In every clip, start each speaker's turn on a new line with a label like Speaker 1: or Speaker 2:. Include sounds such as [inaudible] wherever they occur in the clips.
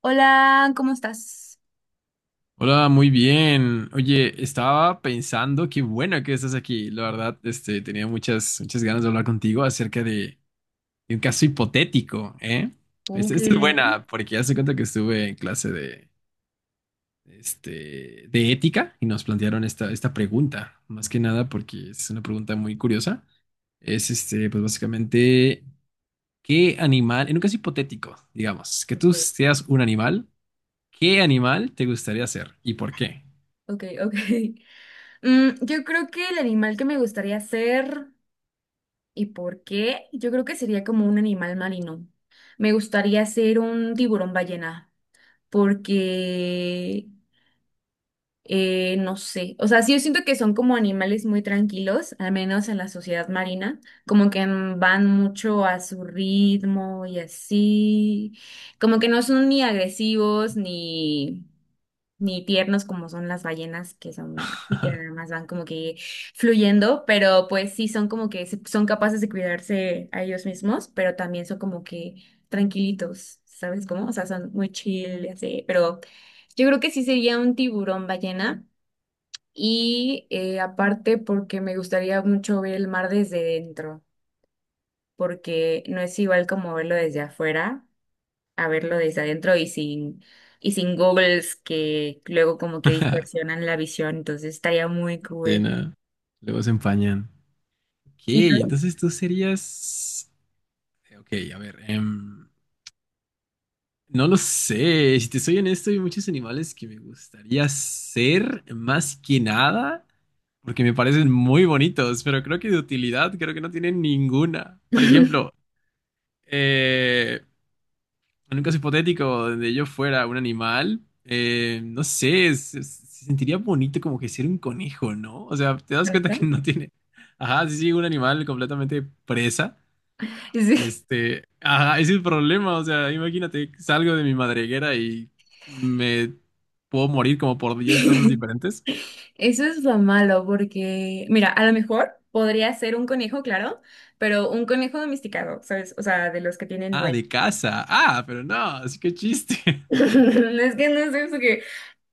Speaker 1: Hola, ¿cómo estás?
Speaker 2: Hola, muy bien. Oye, estaba pensando, qué bueno que estás aquí. La verdad, tenía muchas ganas de hablar contigo acerca de un caso hipotético, ¿eh? Esta
Speaker 1: Ok,
Speaker 2: esta es buena, porque ya se cuenta que estuve en clase de, de ética y nos plantearon esta pregunta. Más que nada, porque es una pregunta muy curiosa. Es, pues básicamente, ¿qué animal, en un caso hipotético, digamos, que tú
Speaker 1: ok.
Speaker 2: seas un animal, qué animal te gustaría ser y por qué?
Speaker 1: Ok, [laughs] ok. Yo creo que el animal que me gustaría ser y por qué, yo creo que sería como un animal marino. Me gustaría ser un tiburón ballena porque, no sé, o sea, sí, yo siento que son como animales muy tranquilos, al menos en la sociedad marina, como que van mucho a su ritmo y así, como que no son ni agresivos ni... ni tiernos como son las ballenas, que son y que nada más van como que fluyendo, pero pues sí son como que son capaces de cuidarse a ellos mismos, pero también son como que tranquilitos, ¿sabes cómo? O sea, son muy chill, y así, pero yo creo que sí sería un tiburón ballena y aparte porque me gustaría mucho ver el mar desde dentro, porque no es igual como verlo desde afuera a verlo desde adentro y sin googles que luego como que distorsionan la visión, entonces estaría muy
Speaker 2: Sí,
Speaker 1: cool.
Speaker 2: no. Luego se empañan. Ok,
Speaker 1: ¿Y tú?
Speaker 2: entonces tú serías... Ok, a ver. No lo sé. Si te soy honesto, hay muchos animales que me gustaría ser, más que nada porque me parecen muy bonitos, pero creo que de utilidad creo que no tienen ninguna. Por ejemplo,
Speaker 1: [laughs]
Speaker 2: eh, en un caso hipotético donde yo fuera un animal, no sé, se sentiría bonito como que ser un conejo, ¿no? O sea, te das
Speaker 1: ¿Con
Speaker 2: cuenta que
Speaker 1: eso?
Speaker 2: no tiene. Ajá, sí, un animal completamente presa.
Speaker 1: Sí.
Speaker 2: Este, ajá, ese es el problema. O sea, imagínate, salgo de mi madriguera y me puedo morir como por 10 cosas
Speaker 1: [laughs]
Speaker 2: diferentes.
Speaker 1: Eso es lo malo porque, mira, a lo mejor podría ser un conejo, claro, pero un conejo domesticado, ¿sabes? O sea, de los que tienen
Speaker 2: Ah,
Speaker 1: dueño.
Speaker 2: de casa. Ah, pero no, así que chiste.
Speaker 1: [laughs] Es que no sé, porque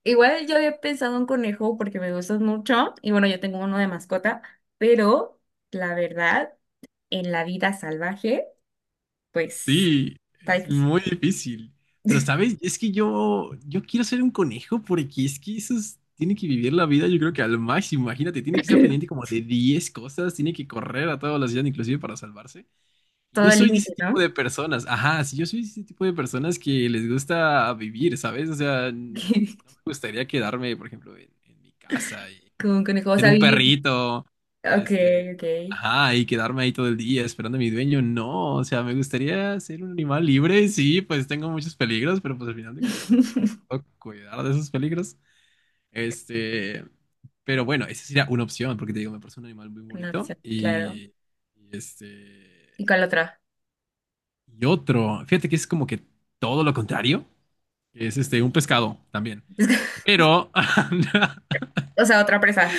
Speaker 1: igual yo había pensado en conejo porque me gustan mucho y bueno, yo tengo uno de mascota, pero la verdad, en la vida salvaje, pues
Speaker 2: Sí,
Speaker 1: está
Speaker 2: es
Speaker 1: difícil.
Speaker 2: muy difícil. Pero, ¿sabes? Es que yo quiero ser un conejo porque es que esos tienen que vivir la vida, yo creo que al máximo. Imagínate, tiene que estar pendiente como
Speaker 1: [laughs]
Speaker 2: de 10 cosas, tiene que correr a toda velocidad, inclusive para salvarse. Y
Speaker 1: Todo
Speaker 2: yo
Speaker 1: el
Speaker 2: soy de
Speaker 1: límite,
Speaker 2: ese
Speaker 1: ¿no?
Speaker 2: tipo de personas. Ajá, sí, yo soy de ese tipo de personas que les gusta vivir, ¿sabes? O sea, no me
Speaker 1: [laughs]
Speaker 2: gustaría quedarme, por ejemplo, en mi casa
Speaker 1: Como un conejo, o
Speaker 2: ser
Speaker 1: sea,
Speaker 2: un
Speaker 1: vivir.
Speaker 2: perrito,
Speaker 1: Ok,
Speaker 2: este,
Speaker 1: ok.
Speaker 2: ajá, y quedarme ahí todo el día esperando a mi dueño, no, o sea, me gustaría ser un animal libre, sí, pues tengo muchos peligros, pero pues al final de cuentas, pues,
Speaker 1: [laughs]
Speaker 2: puedo cuidar de esos peligros, este, pero bueno, esa sería una opción, porque te digo, me parece un animal muy
Speaker 1: Una
Speaker 2: bonito,
Speaker 1: opción, claro.
Speaker 2: y este,
Speaker 1: ¿Y cuál otra?
Speaker 2: y otro, fíjate que es como que todo lo contrario, es este, un pescado también,
Speaker 1: [laughs]
Speaker 2: pero... [laughs]
Speaker 1: O sea, otra presa.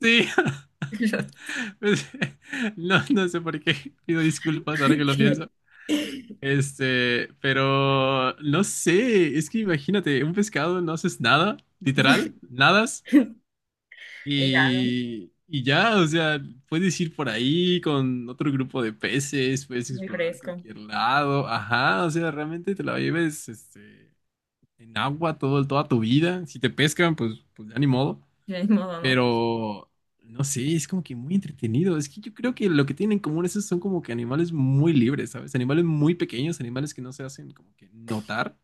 Speaker 2: Sí,
Speaker 1: [laughs]
Speaker 2: pues, [laughs] no, no sé por qué. Pido disculpas ahora que lo pienso.
Speaker 1: Ok. [laughs]
Speaker 2: Este, pero no sé, es que imagínate, un pescado no haces nada, literal, nadas
Speaker 1: Y ya, ¿no?
Speaker 2: y ya, o sea, puedes ir por ahí con otro grupo de peces, puedes
Speaker 1: Muy
Speaker 2: explorar
Speaker 1: fresco.
Speaker 2: cualquier lado, ajá, o sea, realmente te la lleves este, en agua toda tu vida. Si te pescan, pues, pues ya ni modo.
Speaker 1: De modo, ¿no?
Speaker 2: Pero no sé, es como que muy entretenido. Es que yo creo que lo que tienen en común esos son como que animales muy libres, ¿sabes? Animales muy pequeños, animales que no se hacen como que notar,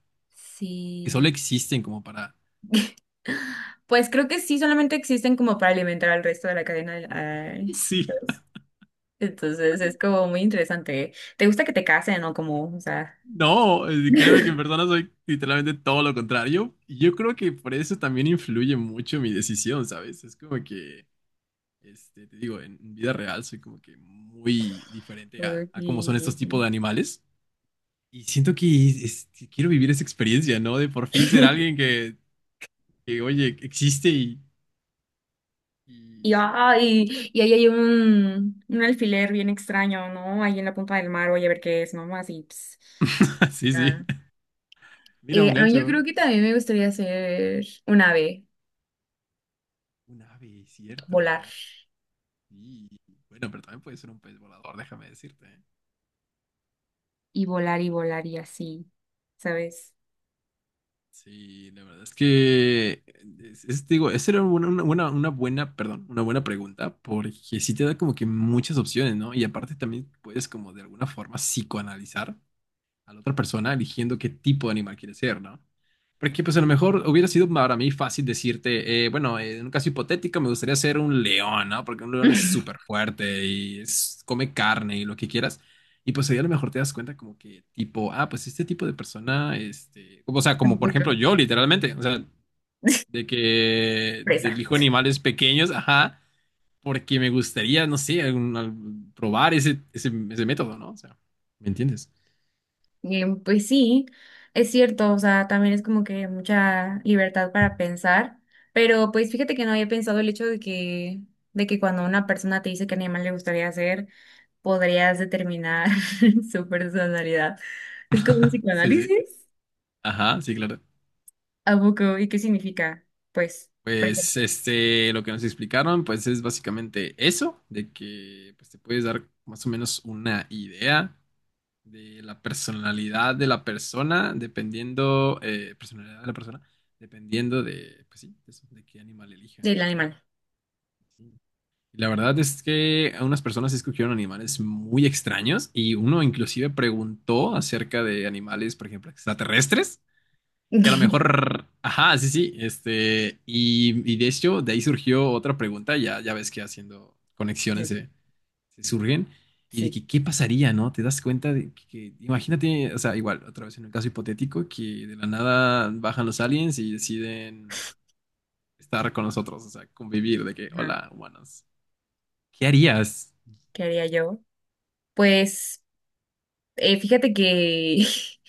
Speaker 2: que solo
Speaker 1: Sí.
Speaker 2: existen como para...
Speaker 1: Pues creo que sí, solamente existen como para alimentar al resto de la cadena.
Speaker 2: [laughs]
Speaker 1: Ay,
Speaker 2: Sí.
Speaker 1: pues, entonces es como muy interesante. ¿Eh? ¿Te gusta que te casen o como, o sea?
Speaker 2: No, créeme que en
Speaker 1: [laughs]
Speaker 2: persona soy literalmente todo lo contrario. Y yo creo que por eso también influye mucho mi decisión, ¿sabes? Es como que, este, te digo, en vida real soy como que muy diferente a cómo son estos tipos
Speaker 1: Ujú.
Speaker 2: de animales. Y siento que que quiero vivir esa experiencia, ¿no? De por fin ser alguien
Speaker 1: [laughs]
Speaker 2: que, oye, existe y
Speaker 1: Y,
Speaker 2: sí.
Speaker 1: ay, y ahí hay un alfiler bien extraño, ¿no? Ahí en la punta del mar, voy a ver qué es, ¿no? Así, ps,
Speaker 2: [laughs] Sí, sí.
Speaker 1: ah.
Speaker 2: Mira,
Speaker 1: Eh,
Speaker 2: un
Speaker 1: a yo
Speaker 2: gancho.
Speaker 1: creo que también me gustaría ser un ave,
Speaker 2: Un ave, cierto,
Speaker 1: volar,
Speaker 2: ¿eh? Y bueno, pero también puede ser un pez volador, déjame decirte. ¿Eh?
Speaker 1: y volar y así, ¿sabes?
Speaker 2: Sí, la verdad es que, digo, esa era una buena, perdón, una buena pregunta, porque sí te da como que muchas opciones, ¿no? Y aparte también puedes como de alguna forma psicoanalizar a la otra persona eligiendo qué tipo de animal quiere ser, ¿no? Porque pues a lo mejor hubiera sido para mí fácil decirte, bueno, en un caso hipotético me gustaría ser un león, ¿no? Porque un león es súper
Speaker 1: [laughs]
Speaker 2: fuerte y come carne y lo que quieras. Y pues ahí a lo mejor te das cuenta como que tipo, ah, pues este tipo de persona, este, o sea, como por
Speaker 1: Tampoco.
Speaker 2: ejemplo yo literalmente, o sea, de que
Speaker 1: Presa.
Speaker 2: elijo animales pequeños, ajá, porque me gustaría, no sé, probar ese método, ¿no? O sea, ¿me entiendes?
Speaker 1: Pues sí, es cierto, o sea, también es como que mucha libertad para pensar, pero pues fíjate que no había pensado el hecho de que cuando una persona te dice qué animal le gustaría hacer, podrías determinar [laughs] su personalidad. Es como un
Speaker 2: Sí, sí.
Speaker 1: psicoanálisis.
Speaker 2: Ajá, sí, claro.
Speaker 1: ¿A poco? ¿Y qué significa? Pues, por
Speaker 2: Pues
Speaker 1: ejemplo,
Speaker 2: este, lo que nos explicaron, pues es básicamente eso, de que pues, te puedes dar más o menos una idea de la personalidad de la persona, dependiendo, personalidad de la persona, dependiendo de, pues sí, eso, de qué animal elija.
Speaker 1: el animal.
Speaker 2: Sí. Y la verdad es que unas personas sí escogieron animales muy extraños y uno inclusive preguntó acerca de animales, por ejemplo, extraterrestres. Que a lo
Speaker 1: [laughs]
Speaker 2: mejor, ajá, sí, sí, este, y de hecho, de ahí surgió otra pregunta, ya ves que haciendo conexiones
Speaker 1: Sí,
Speaker 2: se surgen, y de
Speaker 1: sí.
Speaker 2: que qué pasaría, ¿no? Te das cuenta de imagínate, o sea, igual, otra vez en un caso hipotético, que de la nada bajan los aliens y deciden estar con nosotros, o sea, convivir, de que,
Speaker 1: Ajá.
Speaker 2: hola, humanos, ¿qué harías?
Speaker 1: ¿Qué haría yo? Pues, fíjate que [laughs]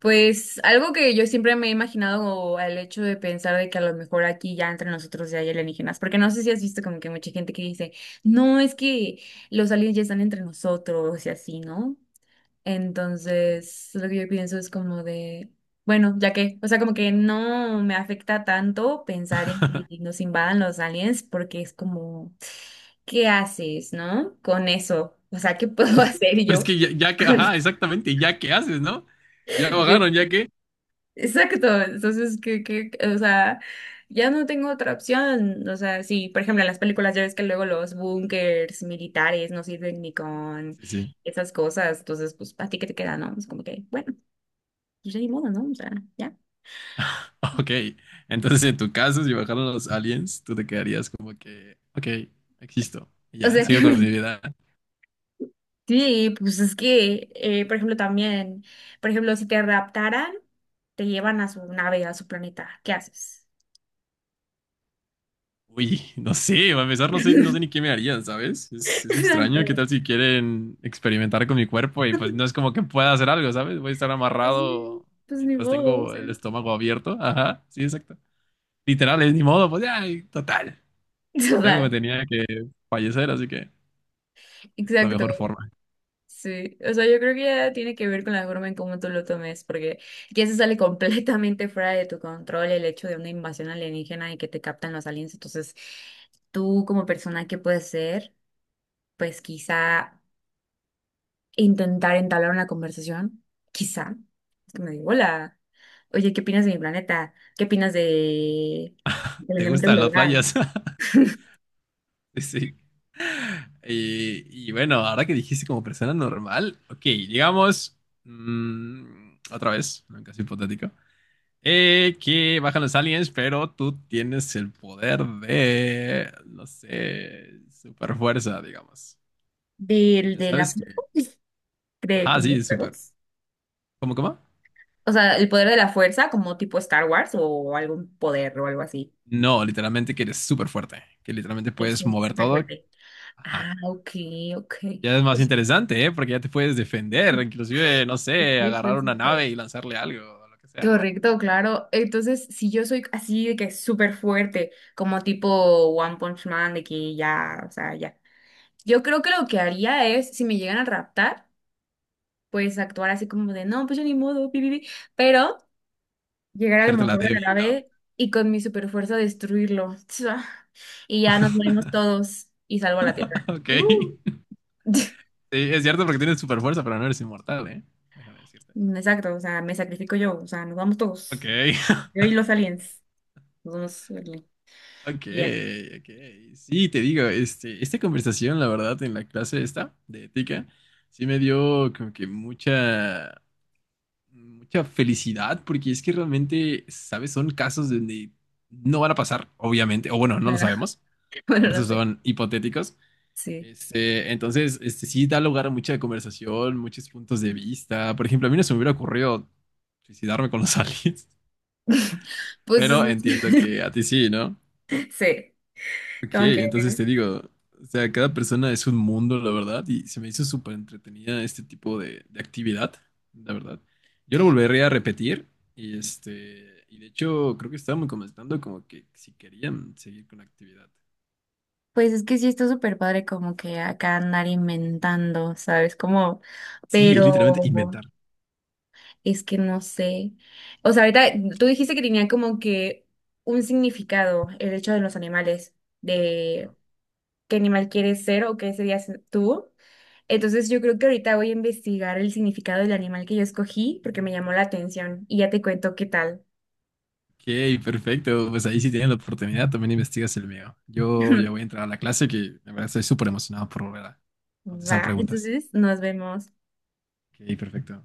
Speaker 1: pues algo que yo siempre me he imaginado al hecho de pensar de que a lo mejor aquí ya entre nosotros ya hay alienígenas, porque no sé si has visto como que mucha gente que dice, no, es que los aliens ya están entre nosotros y así, ¿no? Entonces, lo que yo pienso es como de, bueno, ya que, o sea, como que no me afecta tanto pensar en que nos invadan los aliens, porque es como, ¿qué haces, no? Con eso, o sea, ¿qué puedo [laughs] hacer
Speaker 2: Pues
Speaker 1: yo?
Speaker 2: que ya, ya que, ajá,
Speaker 1: [laughs]
Speaker 2: exactamente, ya que haces, ¿no? Ya bajaron, ya que.
Speaker 1: Exacto, entonces, o sea, ya no tengo otra opción, o sea, sí, por ejemplo, en las películas ya ves que luego los búnkers militares no sirven ni con
Speaker 2: Sí, sí.
Speaker 1: esas cosas, entonces, pues, a ti qué te queda, ¿no? Es como que, bueno, pues ya ni modo, ¿no? O sea, ya.
Speaker 2: [laughs] Ok, entonces en tu caso, si bajaron los aliens, tú te quedarías como que, ok, existo, y
Speaker 1: O
Speaker 2: ya,
Speaker 1: sea que,
Speaker 2: sigo con mi vida.
Speaker 1: [laughs] sí, pues es que, por ejemplo, también, por ejemplo, si te raptaran, te llevan a su nave, a su planeta, ¿qué haces?
Speaker 2: Uy, [laughs] no sé, a empezar, no sé, no sé ni qué
Speaker 1: [laughs]
Speaker 2: me harían, ¿sabes? Es extraño, ¿qué
Speaker 1: Exacto,
Speaker 2: tal si quieren experimentar con mi cuerpo? Y pues no es como que pueda hacer algo, ¿sabes? Voy a estar
Speaker 1: pues, sí,
Speaker 2: amarrado
Speaker 1: pues ni
Speaker 2: mientras
Speaker 1: modo, o
Speaker 2: tengo
Speaker 1: sea.
Speaker 2: el estómago abierto. Ajá, sí, exacto. Literal, es ni modo, pues ya, y total.
Speaker 1: [laughs]
Speaker 2: De algo me
Speaker 1: Total,
Speaker 2: tenía que fallecer, así que es la mejor
Speaker 1: exacto.
Speaker 2: forma.
Speaker 1: Sí, o sea, yo creo que ya tiene que ver con la forma en cómo tú lo tomes, porque ya se sale [laughs] completamente fuera de tu control el hecho de una invasión alienígena y que te captan los aliens. Entonces, tú como persona, ¿qué puedes hacer? Pues quizá intentar entablar una conversación, quizá. Es que me digo, hola, oye, ¿qué opinas de mi planeta? ¿Qué opinas de del
Speaker 2: ¿Te
Speaker 1: calentamiento
Speaker 2: gustan las
Speaker 1: global?
Speaker 2: playas? [laughs] Sí. Y bueno, ahora que dijiste como persona normal, ok, digamos, mm, otra vez, en un caso hipotético, que bajan los aliens, pero tú tienes el poder de, no sé, super fuerza, digamos.
Speaker 1: ¿Del
Speaker 2: Ya
Speaker 1: de la
Speaker 2: sabes que,
Speaker 1: [laughs] de
Speaker 2: ajá,
Speaker 1: cómo
Speaker 2: sí, super.
Speaker 1: estamos?
Speaker 2: ¿Cómo, cómo?
Speaker 1: O sea, el poder de la fuerza, como tipo Star Wars o algún poder o algo así.
Speaker 2: No, literalmente que eres súper fuerte, que literalmente puedes
Speaker 1: Eso es
Speaker 2: mover
Speaker 1: súper
Speaker 2: todo.
Speaker 1: fuerte.
Speaker 2: Ajá.
Speaker 1: Ah, ok, ok.
Speaker 2: Ya es más
Speaker 1: Pues,
Speaker 2: interesante, ¿eh? Porque ya te puedes defender, inclusive, no
Speaker 1: es
Speaker 2: sé,
Speaker 1: cierto,
Speaker 2: agarrar
Speaker 1: es
Speaker 2: una
Speaker 1: cierto.
Speaker 2: nave y lanzarle algo, o lo que sea.
Speaker 1: Correcto, claro. Entonces, si yo soy así de que súper fuerte, como tipo One Punch Man, de que ya, o sea, ya. Yo creo que lo que haría es, si me llegan a raptar, pues actuar así como de, no, pues yo ni modo, pi, pi, pi, pero llegar al
Speaker 2: Hacerte la
Speaker 1: motor de la
Speaker 2: débil, ¿no?
Speaker 1: nave y con mi super fuerza destruirlo. [laughs] Y ya nos morimos todos y salvo a la tierra.
Speaker 2: [laughs] Ok.
Speaker 1: Uh.
Speaker 2: Sí,
Speaker 1: [laughs]
Speaker 2: es cierto porque tienes super fuerza, pero no eres inmortal, ¿eh? Déjame decirte.
Speaker 1: Exacto, o sea, me sacrifico yo, o sea, nos vamos
Speaker 2: Ok,
Speaker 1: todos.
Speaker 2: [laughs]
Speaker 1: Yo y los aliens. Nos vamos el-
Speaker 2: ok,
Speaker 1: y ya,
Speaker 2: ok. Sí, te digo, este, esta conversación, la verdad, en la clase esta de ética, sí me dio como que mucha felicidad, porque es que realmente, ¿sabes? Son casos donde no van a pasar, obviamente, o bueno, no lo
Speaker 1: claro. [laughs]
Speaker 2: sabemos,
Speaker 1: Bueno,
Speaker 2: por
Speaker 1: no
Speaker 2: eso
Speaker 1: sé.
Speaker 2: son hipotéticos.
Speaker 1: Sí.
Speaker 2: Este, entonces, este, sí da lugar a mucha conversación, muchos puntos de vista. Por ejemplo, a mí no se me hubiera ocurrido suicidarme con los [laughs] aliens,
Speaker 1: [laughs] Pues
Speaker 2: pero
Speaker 1: es-
Speaker 2: entiendo que a
Speaker 1: [laughs]
Speaker 2: ti sí, ¿no?
Speaker 1: sí,
Speaker 2: Ok,
Speaker 1: como que
Speaker 2: entonces te digo, o sea, cada persona es un mundo, la verdad, y se me hizo súper entretenida este tipo de actividad, la verdad. Yo lo volvería a repetir, y de hecho, creo que estábamos comentando como que si querían seguir con la actividad.
Speaker 1: pues es que sí está súper padre como que acá andar inventando, ¿sabes? Como,
Speaker 2: Sí, es literalmente
Speaker 1: pero
Speaker 2: inventar.
Speaker 1: es que no sé. O sea, ahorita tú dijiste que tenía como que un significado el hecho de los animales, de
Speaker 2: Ajá.
Speaker 1: qué animal quieres ser o qué serías tú. Entonces yo creo que ahorita voy a investigar el significado del animal que yo escogí porque me llamó la atención y ya te cuento qué tal.
Speaker 2: Ok, perfecto. Pues ahí sí tienen la oportunidad, también investigas el mío. Yo ya voy a
Speaker 1: [laughs]
Speaker 2: entrar a la clase que de verdad estoy súper emocionado por volver a contestar
Speaker 1: Va,
Speaker 2: preguntas.
Speaker 1: entonces nos vemos.
Speaker 2: Ok, perfecto.